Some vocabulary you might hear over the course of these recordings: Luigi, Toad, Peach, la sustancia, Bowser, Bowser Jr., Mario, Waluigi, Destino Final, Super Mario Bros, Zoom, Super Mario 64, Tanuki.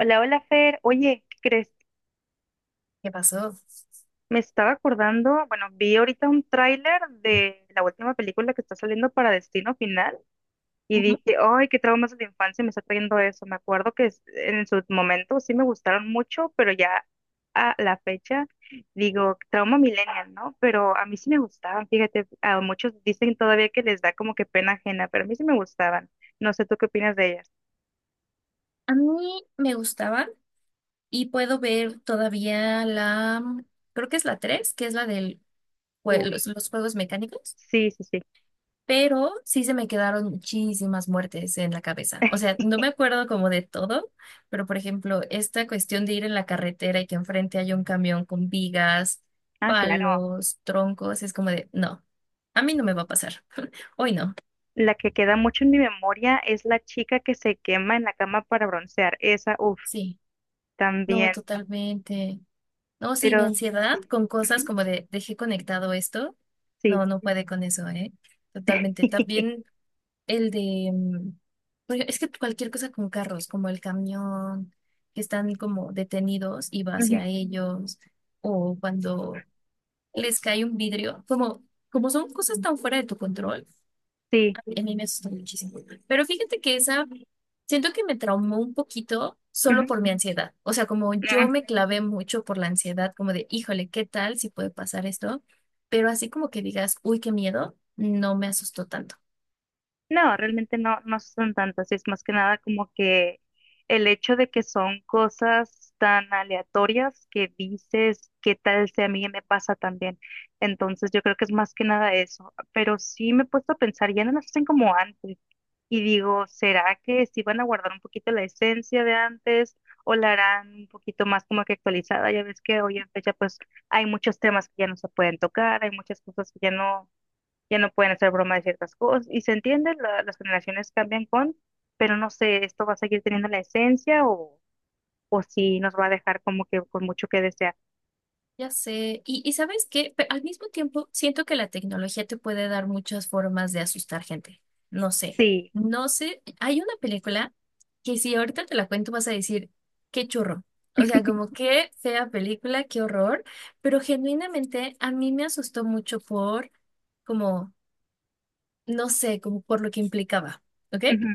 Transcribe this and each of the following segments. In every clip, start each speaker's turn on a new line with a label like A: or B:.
A: Hola, hola Fer. Oye, ¿qué crees?
B: ¿Qué pasó?
A: Me estaba acordando, bueno, vi ahorita un tráiler de la última película que está saliendo para Destino Final y dije, ay, qué traumas de la infancia me está trayendo eso. Me acuerdo que en sus momentos sí me gustaron mucho, pero ya a la fecha digo, trauma millennial, ¿no? Pero a mí sí me gustaban, fíjate, a muchos dicen todavía que les da como que pena ajena, pero a mí sí me gustaban. No sé, ¿tú qué opinas de ellas?
B: A mí me gustaban y puedo ver todavía la creo que es la 3 que es la del jue-
A: Uy,
B: los, los juegos mecánicos,
A: sí, sí, sí.
B: pero sí se me quedaron muchísimas muertes en la cabeza. O sea, no me acuerdo como de todo, pero por ejemplo, esta cuestión de ir en la carretera y que enfrente haya un camión con vigas,
A: Ah, claro.
B: palos, troncos, es como de, no, a mí no me va a pasar. Hoy no.
A: La que queda mucho en mi memoria es la chica que se quema en la cama para broncear. Esa, uff,
B: Sí, no,
A: también.
B: totalmente. No, sí, mi
A: Pero
B: ansiedad
A: sí.
B: con cosas
A: Ujú,
B: como de dejé conectado esto.
A: sí.
B: No, no puede con eso, ¿eh? Totalmente. También el de es que cualquier cosa con carros, como el camión, que están como detenidos y va
A: Ujú,
B: hacia ellos, o cuando les cae un vidrio, como, como son cosas tan fuera de tu control,
A: sí.
B: a mí me asustó muchísimo. Pero fíjate que esa, siento que me traumó un poquito
A: Ujú,
B: solo por mi ansiedad. O sea, como yo me clavé mucho por la ansiedad, como de, híjole, ¿qué tal si puede pasar esto? Pero así como que digas, uy, qué miedo, no me asustó tanto.
A: no, realmente no, no son tantas. Es más que nada como que el hecho de que son cosas tan aleatorias que dices, ¿qué tal si a mí me pasa también? Entonces yo creo que es más que nada eso. Pero sí me he puesto a pensar, ya no las hacen como antes. Y digo, ¿será que sí van a guardar un poquito la esencia de antes o la harán un poquito más como que actualizada? Ya ves que hoy en fecha pues hay muchos temas que ya no se pueden tocar, hay muchas cosas que ya no pueden hacer broma de ciertas cosas. Y se entiende, las generaciones cambian con, pero no sé, ¿esto va a seguir teniendo la esencia o si nos va a dejar como que con mucho que desear?
B: Ya sé, y ¿sabes qué? Al mismo tiempo, siento que la tecnología te puede dar muchas formas de asustar gente. No sé,
A: Sí.
B: no sé, hay una película que si ahorita te la cuento vas a decir, qué churro. O sea, como qué fea película, qué horror, pero genuinamente a mí me asustó mucho por, como, no sé, como por lo que implicaba, ¿ok?
A: Ujú.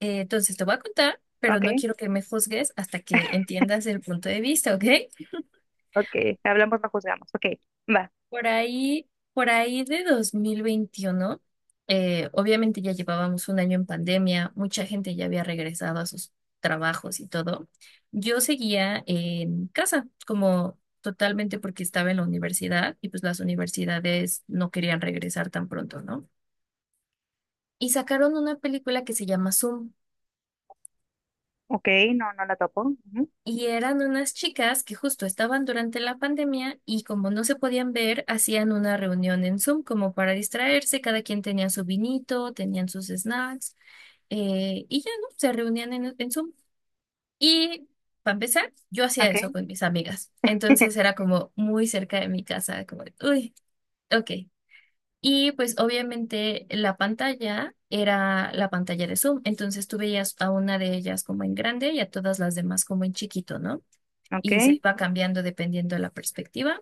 B: Entonces te voy a contar, pero
A: Ok,
B: no quiero que me juzgues hasta que entiendas el punto de vista, ¿ok?
A: ok, hablamos, no juzgamos. Ok, va.
B: Por ahí de 2021, obviamente ya llevábamos un año en pandemia, mucha gente ya había regresado a sus trabajos y todo. Yo seguía en casa, como totalmente porque estaba en la universidad y pues las universidades no querían regresar tan pronto, ¿no? Y sacaron una película que se llama Zoom.
A: Ok, no, no la topo. Ujú.
B: Y eran unas chicas que justo estaban durante la pandemia y como no se podían ver, hacían una reunión en Zoom como para distraerse. Cada quien tenía su vinito, tenían sus snacks, y ya, ¿no? Se reunían en Zoom. Y para empezar, yo hacía eso
A: Ok,
B: con mis amigas. Entonces era como muy cerca de mi casa, como, de, uy, ok. Y pues obviamente la pantalla era la pantalla de Zoom. Entonces tú veías a una de ellas como en grande y a todas las demás como en chiquito, ¿no? Y se
A: ok.
B: iba cambiando dependiendo de la perspectiva.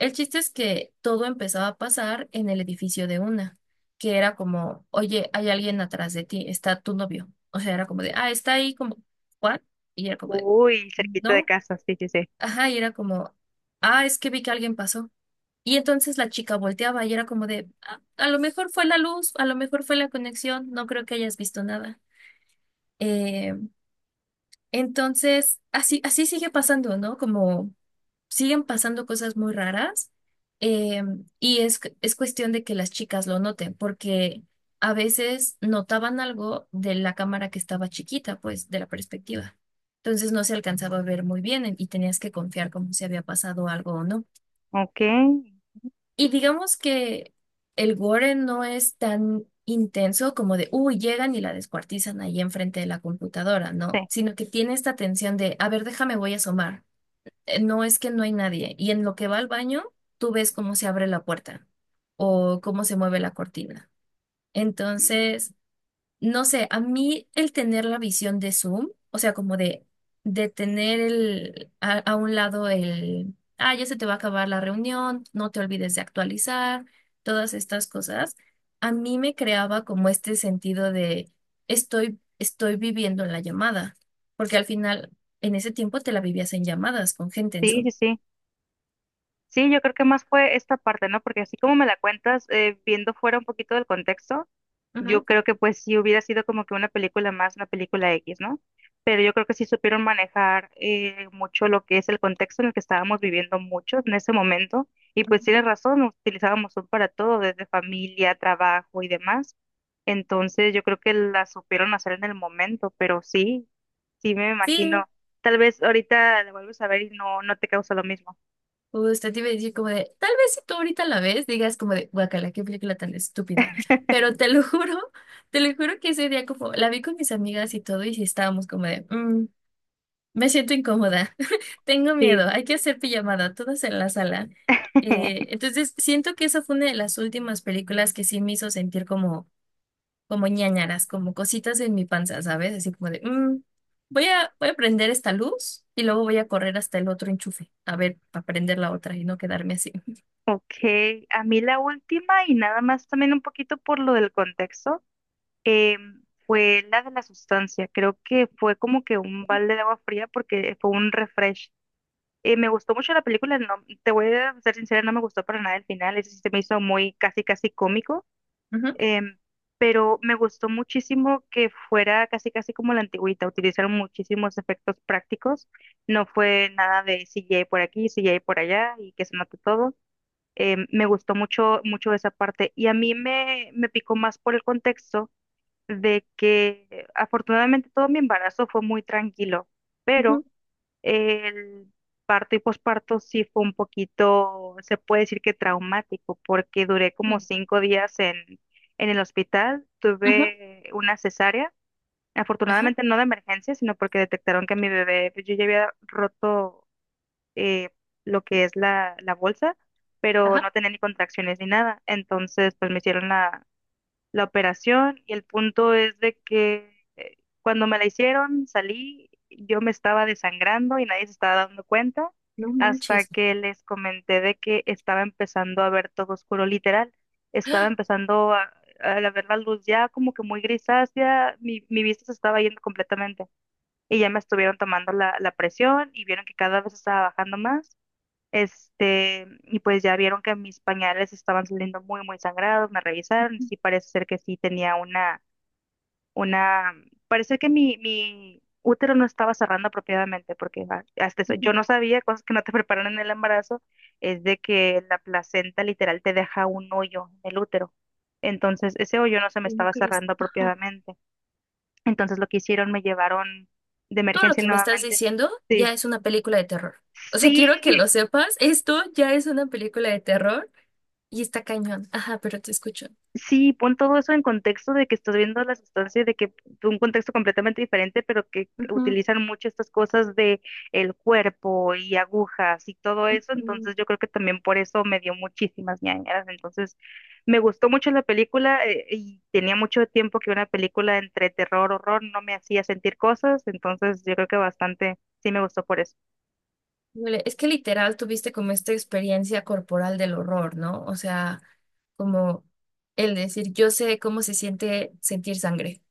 B: El chiste es que todo empezaba a pasar en el edificio de una, que era como, oye, hay alguien atrás de ti, está tu novio. O sea, era como de, ah, está ahí como, ¿what? Y era como de,
A: Uy, cerquita de
B: no,
A: casa, sí, sí, sí.
B: ajá, y era como, ah, es que vi que alguien pasó. Y entonces la chica volteaba y era como de, "Ah, a lo mejor fue la luz, a lo mejor fue la conexión, no creo que hayas visto nada. Eh, entonces, así sigue pasando, ¿no? Como siguen pasando cosas muy raras, eh, y es cuestión de que las chicas lo noten, porque a veces notaban algo de la cámara que estaba chiquita, pues de la perspectiva. Entonces no se alcanzaba a ver muy bien y tenías que confiar como si había pasado algo o no.
A: Ok,
B: Y digamos que el gore no es tan intenso como de, uy, llegan y la descuartizan ahí enfrente de la computadora, ¿no?
A: sí.
B: Sino que tiene esta tensión de, a ver, déjame, voy a asomar. No, es que no hay nadie. Y en lo que va al baño, tú ves cómo se abre la puerta o cómo se mueve la cortina. Entonces, no sé, a mí el tener la visión de Zoom, o sea, como de tener el, a un lado el, ah, ya se te va a acabar la reunión, no te olvides de actualizar, todas estas cosas, a mí me creaba como este sentido de estoy viviendo la llamada, porque al final en ese tiempo te la vivías en llamadas con gente en
A: Sí,
B: Zoom.
A: sí, sí. Sí, yo creo que más fue esta parte, ¿no? Porque así como me la cuentas, viendo fuera un poquito del contexto, yo
B: Ujú.
A: creo que pues sí hubiera sido como que una película más, una película X, ¿no? Pero yo creo que sí supieron manejar mucho lo que es el contexto en el que estábamos viviendo muchos en ese momento. Y pues tienes razón, utilizábamos Zoom para todo, desde familia, trabajo y demás. Entonces yo creo que la supieron hacer en el momento, pero sí, sí me
B: Sí,
A: imagino. Tal vez ahorita la vuelves a ver y no, no te causa lo mismo.
B: usted te iba a decir como de, tal vez si tú ahorita la ves, digas como de, guacala, qué película tan estúpida. Pero te lo juro, te lo juro que ese día como, la vi con mis amigas y todo, y sí estábamos como de, "Mm, me siento incómoda, tengo
A: Sí.
B: miedo, hay que hacer pijamada, todas en la sala. Entonces, siento que esa fue una de las últimas películas que sí me hizo sentir como como ñáñaras, como cositas en mi panza, ¿sabes? Así como de, "Mm, voy a prender esta luz y luego voy a correr hasta el otro enchufe, a ver, para prender la otra y no quedarme así.
A: Ok, a mí la última y nada más también un poquito por lo del contexto, eh, fue la de la sustancia. Creo que fue como que un balde de agua fría porque fue un refresh. Me gustó mucho la película, no, te voy a ser sincera, no me gustó para nada el final, ese sí se me hizo muy casi casi cómico,
B: Ujú,
A: em, pero me gustó muchísimo que fuera casi casi como la antigüita, utilizaron muchísimos efectos prácticos, no fue nada de CGI por aquí, CGI por allá y que se note todo. Me gustó mucho, mucho esa parte y a mí me picó más por el contexto de que afortunadamente todo mi embarazo fue muy tranquilo,
B: ujú,
A: pero el parto y posparto sí fue un poquito, se puede decir que traumático, porque duré como
B: sí,
A: 5 días en el hospital,
B: ujú,
A: tuve una cesárea.
B: ajá,
A: Afortunadamente no de emergencia, sino porque detectaron que mi bebé, pues, yo ya había roto eh, lo que es la bolsa, pero
B: ajá,
A: no tenía ni contracciones ni nada. Entonces, pues me hicieron la operación y el punto es de que cuando me la hicieron, salí, yo me estaba desangrando y nadie se estaba dando cuenta
B: no
A: hasta
B: manches.
A: que les comenté de que estaba empezando a ver todo oscuro, literal. Estaba
B: ¡Ah!
A: empezando a ver la luz ya como que muy grisácea, mi vista se estaba yendo completamente y ya me estuvieron tomando la presión y vieron que cada vez estaba bajando más y pues ya vieron que mis pañales estaban saliendo muy, muy sangrados, me revisaron, y sí parece ser que sí tenía una, parece que mi útero no estaba cerrando apropiadamente, porque hasta eso,
B: Ujú,
A: yo no sabía, cosas que no te preparan en el embarazo, es de que la placenta literal te deja un hoyo en el útero. Entonces, ese hoyo no se me
B: ¿cómo
A: estaba
B: crees?
A: cerrando
B: Ajá.
A: apropiadamente. Entonces, lo que hicieron, me llevaron de
B: Todo lo
A: emergencia
B: que me estás
A: nuevamente.
B: diciendo
A: Sí,
B: ya es una película de terror. O sea,
A: sí,
B: quiero que lo sepas, esto ya es una película de terror y está cañón. Ajá, pero te escucho.
A: sí, pon todo eso en contexto de que estás viendo la sustancia, y de que de un contexto completamente diferente, pero que
B: Ujú,
A: utilizan mucho estas cosas de el cuerpo y agujas y todo eso,
B: ujú.
A: entonces yo creo que también por eso me dio muchísimas ñañaras, entonces me gustó mucho la película y tenía mucho tiempo que una película entre terror, horror no me hacía sentir cosas, entonces yo creo que bastante sí me gustó por eso.
B: Híjole, es que literal tuviste como esta experiencia corporal del horror, ¿no? O sea, como el decir, yo sé cómo se siente sentir sangre.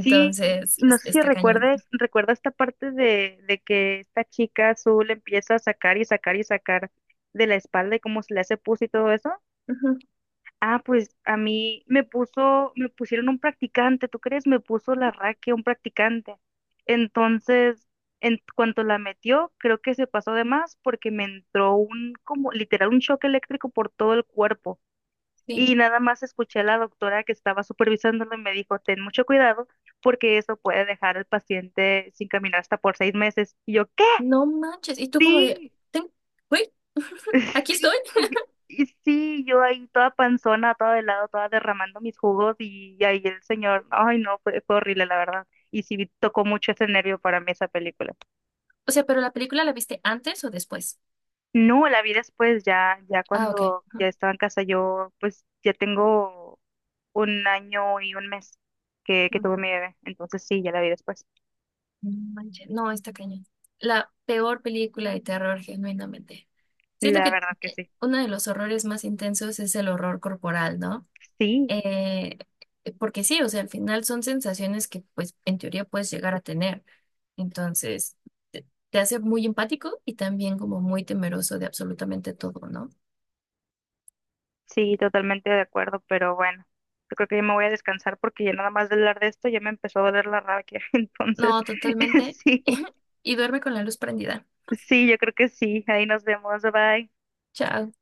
A: Sí, no sé si
B: está cañón.
A: recuerdes, recuerda esta parte de que esta chica azul empieza a sacar y sacar y sacar de la espalda y cómo se le hace pus y todo eso.
B: Ujú,
A: Ah, pues a mí me puso, me pusieron un practicante, ¿tú crees? Me puso la raquia un practicante. Entonces, en cuanto la metió, creo que se pasó de más porque me entró un, como literal, un choque eléctrico por todo el cuerpo
B: sí.
A: y nada más escuché a la doctora que estaba supervisándolo y me dijo, ten mucho cuidado porque eso puede dejar al paciente sin caminar hasta por 6 meses. Y yo, ¿qué?
B: No manches. Y tú como de,
A: Sí,
B: "Ten- güey, aquí
A: sí,
B: estoy.
A: y sí, yo ahí toda panzona, todo de lado, toda derramando mis jugos y ahí el señor, ay no, fue horrible la verdad. Y sí tocó mucho ese nervio para mí esa película.
B: O sea, pero la película la viste antes o después.
A: No, la vi después, ya, ya
B: Ah, ok.
A: cuando ya estaba en casa, yo pues ya tengo un año y un mes que
B: Ujú.
A: tuve mi bebé. Entonces sí, ya la vi después.
B: No manches. No, está cañón. La peor película de terror, genuinamente. Siento
A: La
B: que
A: verdad que sí.
B: uno de los horrores más intensos es el horror corporal, ¿no?
A: Sí,
B: Eh, Porque sí, o sea, al final son sensaciones que pues en teoría puedes llegar a tener. Entonces, te hace muy empático y también como muy temeroso de absolutamente todo, ¿no?
A: sí, totalmente de acuerdo, pero bueno, yo creo que ya me voy a descansar porque ya nada más de hablar de esto ya me empezó a doler la rabia. Entonces,
B: No, totalmente.
A: sí,
B: Y duerme con la luz prendida.
A: sí, yo creo que sí. Ahí nos vemos. Bye.
B: Chao.